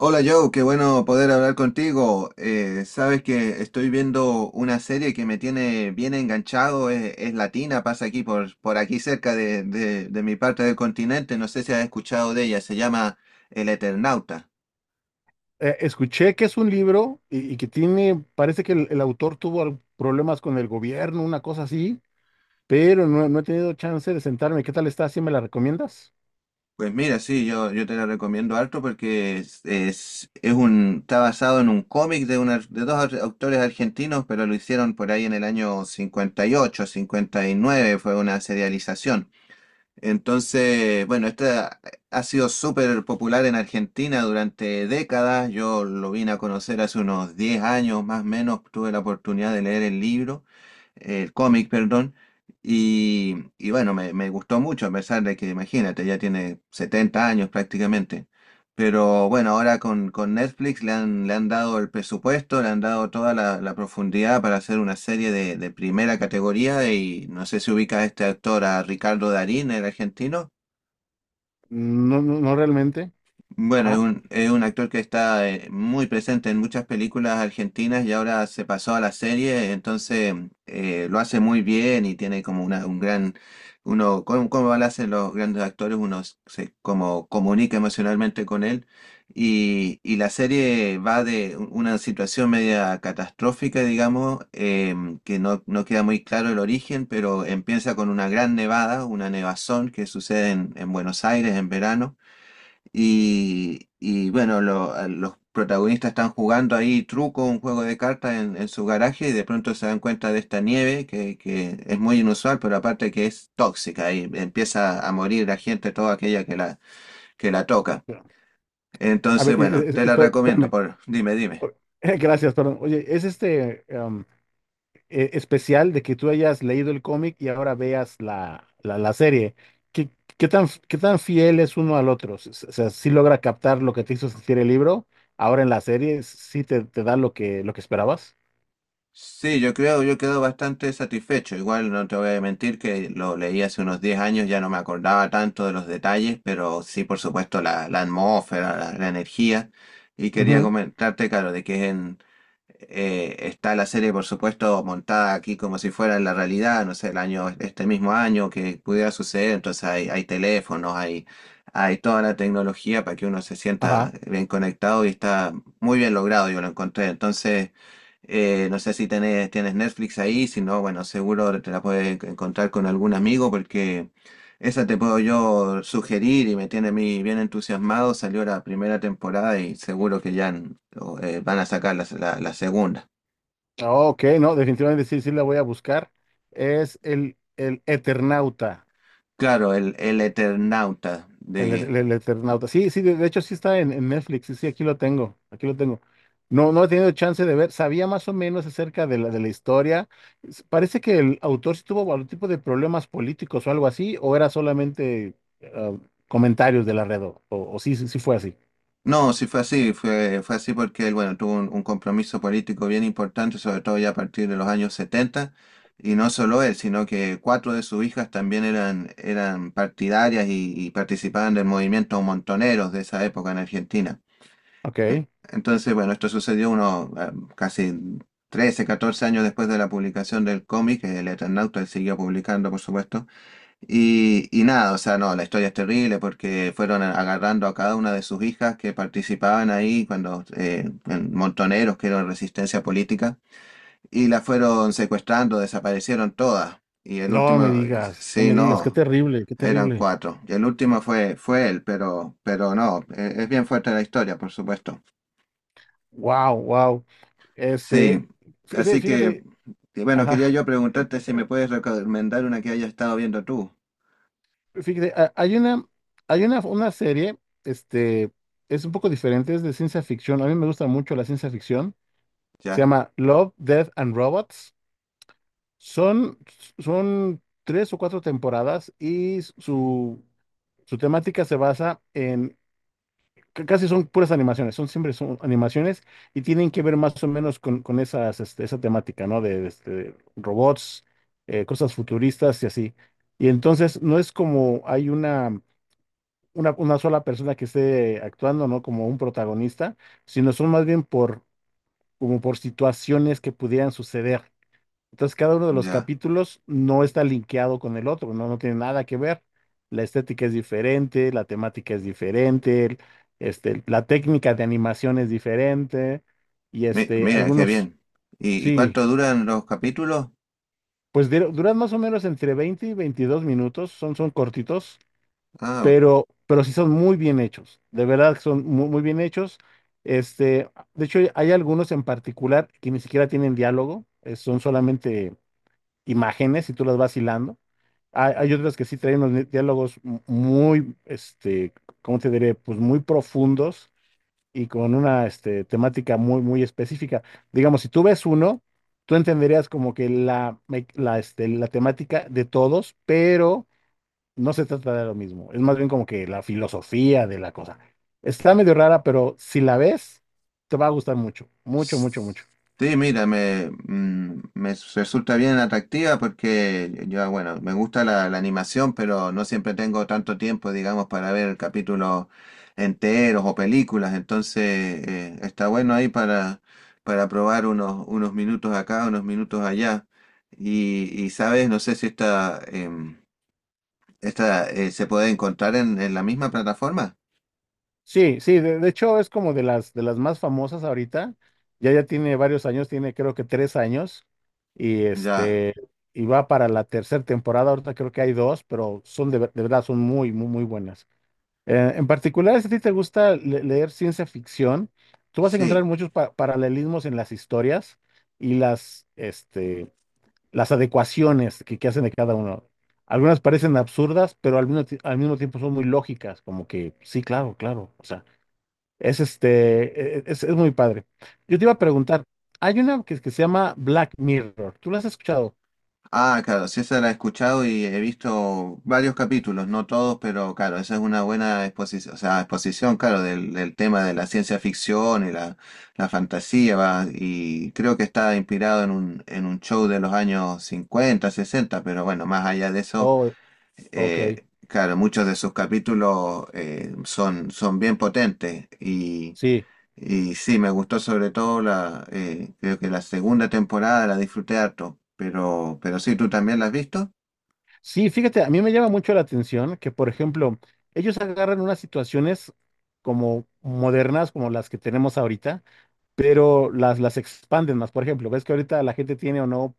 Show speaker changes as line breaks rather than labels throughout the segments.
Hola Joe, qué bueno poder hablar contigo. Sabes que estoy viendo una serie que me tiene bien enganchado, es latina, pasa aquí por aquí cerca de mi parte del continente, no sé si has escuchado de ella, se llama El Eternauta.
Escuché que es un libro y, que tiene, parece que el autor tuvo problemas con el gobierno, una cosa así, pero no he tenido chance de sentarme. ¿Qué tal está? ¿Sí me la recomiendas?
Pues mira, sí, yo te la recomiendo harto porque está basado en un cómic de, una, de autores argentinos, pero lo hicieron por ahí en el año 58, 59, fue una serialización. Entonces, bueno, esta ha sido súper popular en Argentina durante décadas. Yo lo vine a conocer hace unos 10 años más o menos. Tuve la oportunidad de leer el libro, el cómic, perdón. Y bueno, me gustó mucho, a pesar de que, imagínate, ya tiene 70 años prácticamente. Pero bueno, ahora con Netflix le han dado el presupuesto, le han dado toda la profundidad para hacer una serie de primera categoría y no sé si ubicas a este actor, a Ricardo Darín, el argentino.
No, no, no realmente.
Bueno,
Ajá.
es un actor que está muy presente en muchas películas argentinas y ahora se pasó a la serie, entonces lo hace muy bien y tiene como una, un gran, uno, como, como lo hacen los grandes actores, uno se como comunica emocionalmente con él y la serie va de una situación media catastrófica, digamos, que no queda muy claro el origen, pero empieza con una gran nevada, una nevazón que sucede en Buenos Aires en verano. Y bueno, a los protagonistas están jugando ahí truco, un juego de cartas en su garaje y de pronto se dan cuenta de esta nieve que es muy inusual, pero aparte que es tóxica y empieza a morir la gente, toda aquella que la toca.
Pero, a
Entonces,
ver,
bueno, te la recomiendo,
espérame.
por, dime, dime.
O- Gracias, perdón. Oye, es especial de que tú hayas leído el cómic y ahora veas la serie. ¿Qué, ¿qué tan, qué tan fiel es uno al otro? O sea, si logra captar lo que te hizo sentir el libro, ahora en la serie sí te da lo que esperabas.
Sí, yo creo, yo quedo bastante satisfecho. Igual no te voy a mentir que lo leí hace unos 10 años, ya no me acordaba tanto de los detalles, pero sí, por supuesto, la atmósfera, la energía. Y quería
Ujú.
comentarte, claro, de que es en, está la serie, por supuesto, montada aquí como si fuera la realidad, no sé, el año, este mismo año que pudiera suceder, entonces hay teléfonos, hay toda la tecnología para que uno se sienta
Ajá.
bien conectado y está muy bien logrado, yo lo encontré. Entonces, no sé si tenés, tienes Netflix ahí, si no, bueno, seguro te la puedes encontrar con algún amigo porque... Esa te puedo yo sugerir y me tiene a mí bien entusiasmado. Salió la primera temporada y seguro que ya van a sacar la segunda.
Ah, ok, no, definitivamente sí, sí la voy a buscar. Es el Eternauta.
Claro, el Eternauta de...
El Eternauta. Sí, sí, de hecho sí está en Netflix. Sí, sí, aquí lo tengo. Aquí lo tengo. No, no he tenido chance de ver. Sabía más o menos acerca de de la historia. Parece que el autor sí tuvo algún tipo de problemas políticos o algo así, o era solamente ah, comentarios de la red, o sí, sí, sí fue así.
No, sí fue así, fue así porque él, bueno, tuvo un compromiso político bien importante, sobre todo ya a partir de los años setenta. Y no solo él, sino que cuatro de sus hijas también eran partidarias y participaban del movimiento montoneros de esa época en Argentina. Eh,
Ok.
Entonces, bueno, esto sucedió unos casi 13 14 años después de la publicación del cómic. El Eternauta él siguió publicando, por supuesto. Y nada, o sea, no, la historia es terrible porque agarrando a cada una de sus hijas que participaban ahí cuando en montoneros, que eran resistencia política, y la fueron secuestrando, desaparecieron todas. Y el
No me
último,
digas, no
sí,
me digas, qué
no.
terrible, qué
Eran
terrible.
cuatro. Y el último fue, fue él, pero no, es bien fuerte la historia, por supuesto.
Wow, wow.
Sí,
Este,
así
fíjate,
que, bueno,
ajá.
quería yo preguntarte si me puedes recomendar una que hayas estado viendo tú.
Fíjate, una serie, este, es un poco diferente, es de ciencia ficción. A mí me gusta mucho la ciencia ficción. Se
Ya,
llama Love, Death and Robots. Son, son tres o cuatro temporadas y su temática se basa en, c- casi son puras animaciones, son siempre son animaciones y tienen que ver más o menos con esas, esa temática, ¿no? Robots, cosas futuristas y así. Y entonces no es como hay una sola persona que esté actuando, ¿no? Como un protagonista, sino son más bien como por situaciones que pudieran suceder. Entonces, cada uno de los
ya.
capítulos no está linkeado con el otro, ¿no? No tiene nada que ver. La estética es diferente, la temática es diferente, la técnica de animación es diferente, y
Mira, qué bien. ¿Y
sí,
cuánto duran los capítulos?
pues duran más o menos entre 20 y 22 minutos, son, son cortitos.
Ah,
Pero sí son muy bien hechos, de verdad que son muy, muy bien hechos. Este, de hecho, hay algunos en particular que ni siquiera tienen diálogo, son solamente imágenes y tú las vas hilando. Hay otras que sí traen unos muy, ¿cómo te diré? Pues muy profundos y con una, temática muy, muy específica. Digamos, si tú ves uno, tú entenderías como que la, me- la, este, la temática de todos, pero no se trata de lo mismo, es más bien como que la filosofía de la cosa. Está medio rara, pero si la ves, te va a gustar mucho, mucho, mucho, mucho.
sí, mira, me, mm, me s- resulta bien atractiva porque yo, bueno, me gusta la animación, pero no siempre tengo tanto tiempo, digamos, para ver capítulos enteros o películas. Entonces, está bueno ahí para probar unos, unos minutos acá, unos minutos allá. Sabes, no sé si esta, esta se puede encontrar en la misma plataforma.
Sí, sí, de hecho es como de de las más famosas ahorita, ya ya tiene varios años, tiene creo que tres años, y
Ya,
y va para la tercera temporada, ahorita creo que hay dos, pero son de verdad, son muy, muy, muy buenas. En particular, si a ti te gusta leer ciencia ficción, tú vas a encontrar
sí.
muchos paralelismos en las historias y las adecuaciones que hacen de cada uno. Algunas parecen absurdas, pero al mismo tiempo son muy lógicas, como que sí, claro, claro. O sea, es este, e- e, es muy padre. Yo te iba a preguntar, hay una que se llama Black Mirror. ¿Tú la has escuchado?
Ah, claro, sí, esa la he escuchado y he visto varios capítulos, no todos, pero claro, esa es una buena exposición, o sea, exposición, claro, del tema de la ciencia ficción y la fantasía, va, y creo que está inspirado en un show de los años 50, 60, pero bueno, más allá de eso,
Oh, ok,
claro, muchos de sus capítulos son, son bien potentes y...
sí.
Y sí, me gustó sobre todo la, creo que la segunda temporada la disfruté harto, pero sí, ¿tú también la has visto?
Sí, fíjate, a mí me llama mucho la atención que, por ejemplo, ellos agarran unas situaciones como modernas, como las que tenemos ahorita, pero las expanden más. Por ejemplo, ves que ahorita la gente tiene o no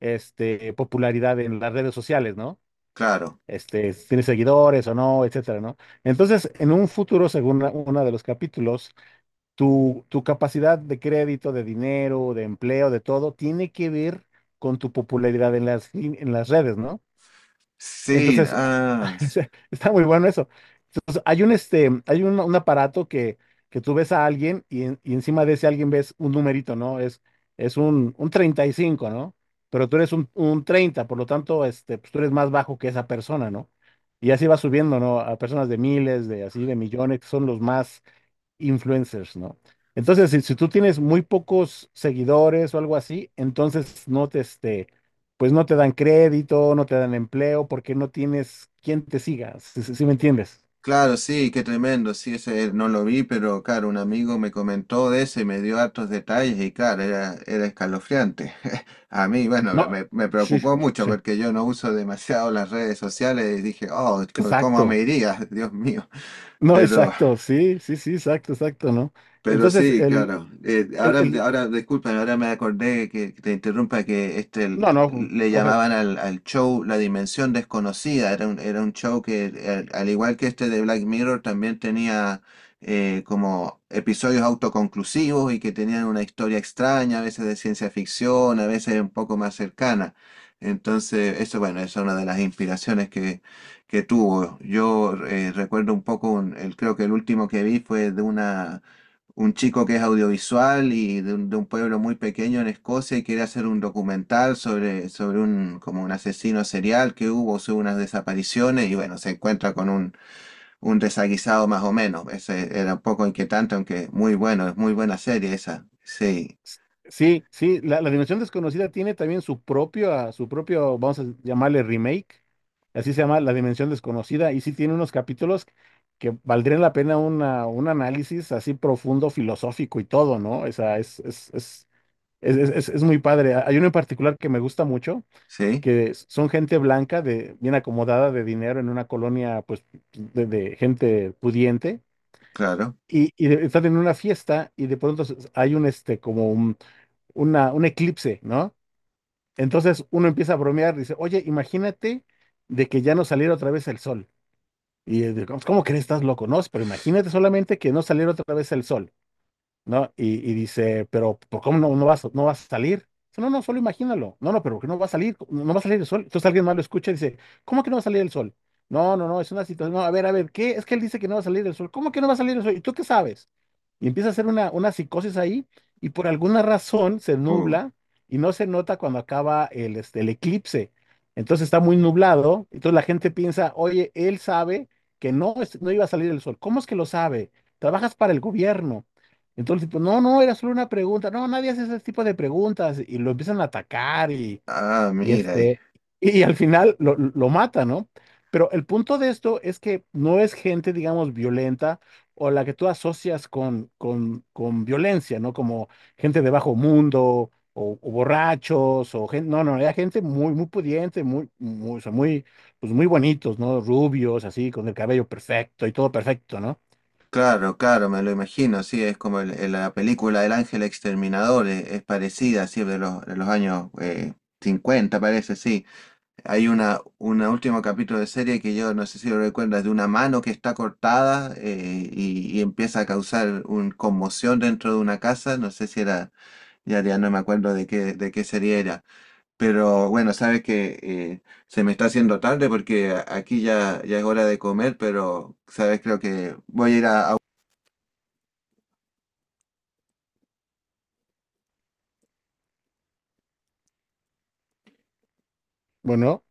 popularidad en las redes sociales, ¿no?
Claro.
Este, si tiene seguidores o no, etcétera, ¿no? Entonces, en un futuro, según uno de los capítulos, tu capacidad de crédito, de dinero, de empleo, de todo, tiene que ver con tu popularidad en en las redes, ¿no?
Sí,
Entonces, está muy bueno eso. Entonces, hay un aparato que tú ves a alguien y, y encima de ese alguien ves un numerito, ¿no? Un 35, ¿no? Pero tú eres un 30, por lo tanto, pues tú eres más bajo que esa persona, ¿no? Y así va subiendo, ¿no? A personas de miles, de así, de millones, que son los más, influencers, ¿no? Entonces, si tú tienes muy pocos seguidores o algo así, entonces pues no te dan crédito, no te dan empleo, porque no tienes quien te siga, si me entiendes.
claro, sí, qué tremendo, sí, ese no lo vi, pero claro, un amigo me comentó de ese y me dio hartos detalles y claro, era, era escalofriante. A mí, bueno,
No,
me
sí,
preocupó mucho
sí,
porque yo no uso demasiado las redes sociales y dije, oh, ¿cómo me
exacto.
iría? Dios mío,
No,
pero...
exacto, sí, sí, sí, exacto, exacto, ¿no?
Pero
Entonces,
sí, claro.
el,
Ahora,
el,
ahora, disculpen, ahora me acordé que te interrumpa que este
no,
le,
no,
le llamaban
coge.
al, al show La Dimensión Desconocida. Era un show que, igual que este de Black Mirror, también tenía como episodios autoconclusivos y que tenían una historia extraña, a veces de ciencia ficción, a veces un poco más cercana. Entonces, eso, bueno, esa es una de las inspiraciones que tuvo. Yo recuerdo un poco, creo que el último que vi fue de una un chico que es audiovisual y de un pueblo muy pequeño en Escocia y quiere hacer un documental sobre un, como un asesino serial que hubo, sobre unas desapariciones y bueno, se encuentra con un desaguisado más o menos. Ese era un poco inquietante, aunque muy bueno, es muy buena serie esa. Sí,
S- Sí, sí, la Dimensión Desconocida tiene también su propio, ah, su propio, vamos a llamarle remake, así se llama La Dimensión Desconocida, y sí tiene unos capítulos que valdrían la pena un análisis así profundo, filosófico y todo, ¿no? O sea, es muy padre. Hay uno en particular que me gusta mucho,
sí,
que son gente blanca, de, bien acomodada de dinero en una colonia, pues, de gente pudiente,
claro.
y están en una fiesta y de pronto s- hay un, este, como un una, un eclipse, ¿no? Entonces uno empieza a bromear, dice, oye, imagínate de que ya no saliera otra vez el sol. Y ¿cómo, cómo crees? Estás loco, ¿no? Pero imagínate solamente que no saliera otra vez el sol. ¿No? Y dice, pero ¿por cómo no vas, no vas a salir? Dice, no, no, solo imagínalo. No, no, pero ¿por qué no va a salir? No, no va a salir el sol. Entonces alguien más lo escucha y dice, ¿cómo que no va a salir el sol? No, no, no, es una situación. No, a ver, ¿qué? Es que él dice que no va a salir el sol. ¿Cómo que no va a salir el sol? ¿Y tú qué sabes? Y empieza a hacer una psicosis ahí y por alguna razón se
Uh,
nubla y no se nota cuando acaba el eclipse. Entonces está muy nublado. Entonces la gente piensa, oye, él sabe que no, no iba a salir el sol. ¿Cómo es que lo sabe? Trabajas para el gobierno. Entonces, pues no, no, era solo una pregunta. No, nadie hace ese tipo de preguntas y lo empiezan a atacar y,
ah,
y
mira,
este, y al final lo mata, ¿no? Pero el punto de esto es que no es gente, digamos, violenta o la que tú asocias con violencia, ¿no? Como gente de bajo mundo o borrachos o gente, no, no, era gente muy, muy pudiente, muy, muy, o sea, muy, pues muy bonitos, ¿no? Rubios, así, con el cabello perfecto y todo perfecto, ¿no?
claro, claro, me lo imagino, sí, es como la película El Ángel Exterminador, es, parecida, sí, de los años 50, parece, sí. Hay una último capítulo de serie que yo no sé si lo recuerdas, de una mano que está cortada y empieza a causar una conmoción dentro de una casa. No sé si era, ya, ya no me acuerdo de qué serie era. Pero bueno, sabes que se me está haciendo tarde porque aquí ya, ya es hora de comer, pero sabes, creo que voy a ir a
Bueno.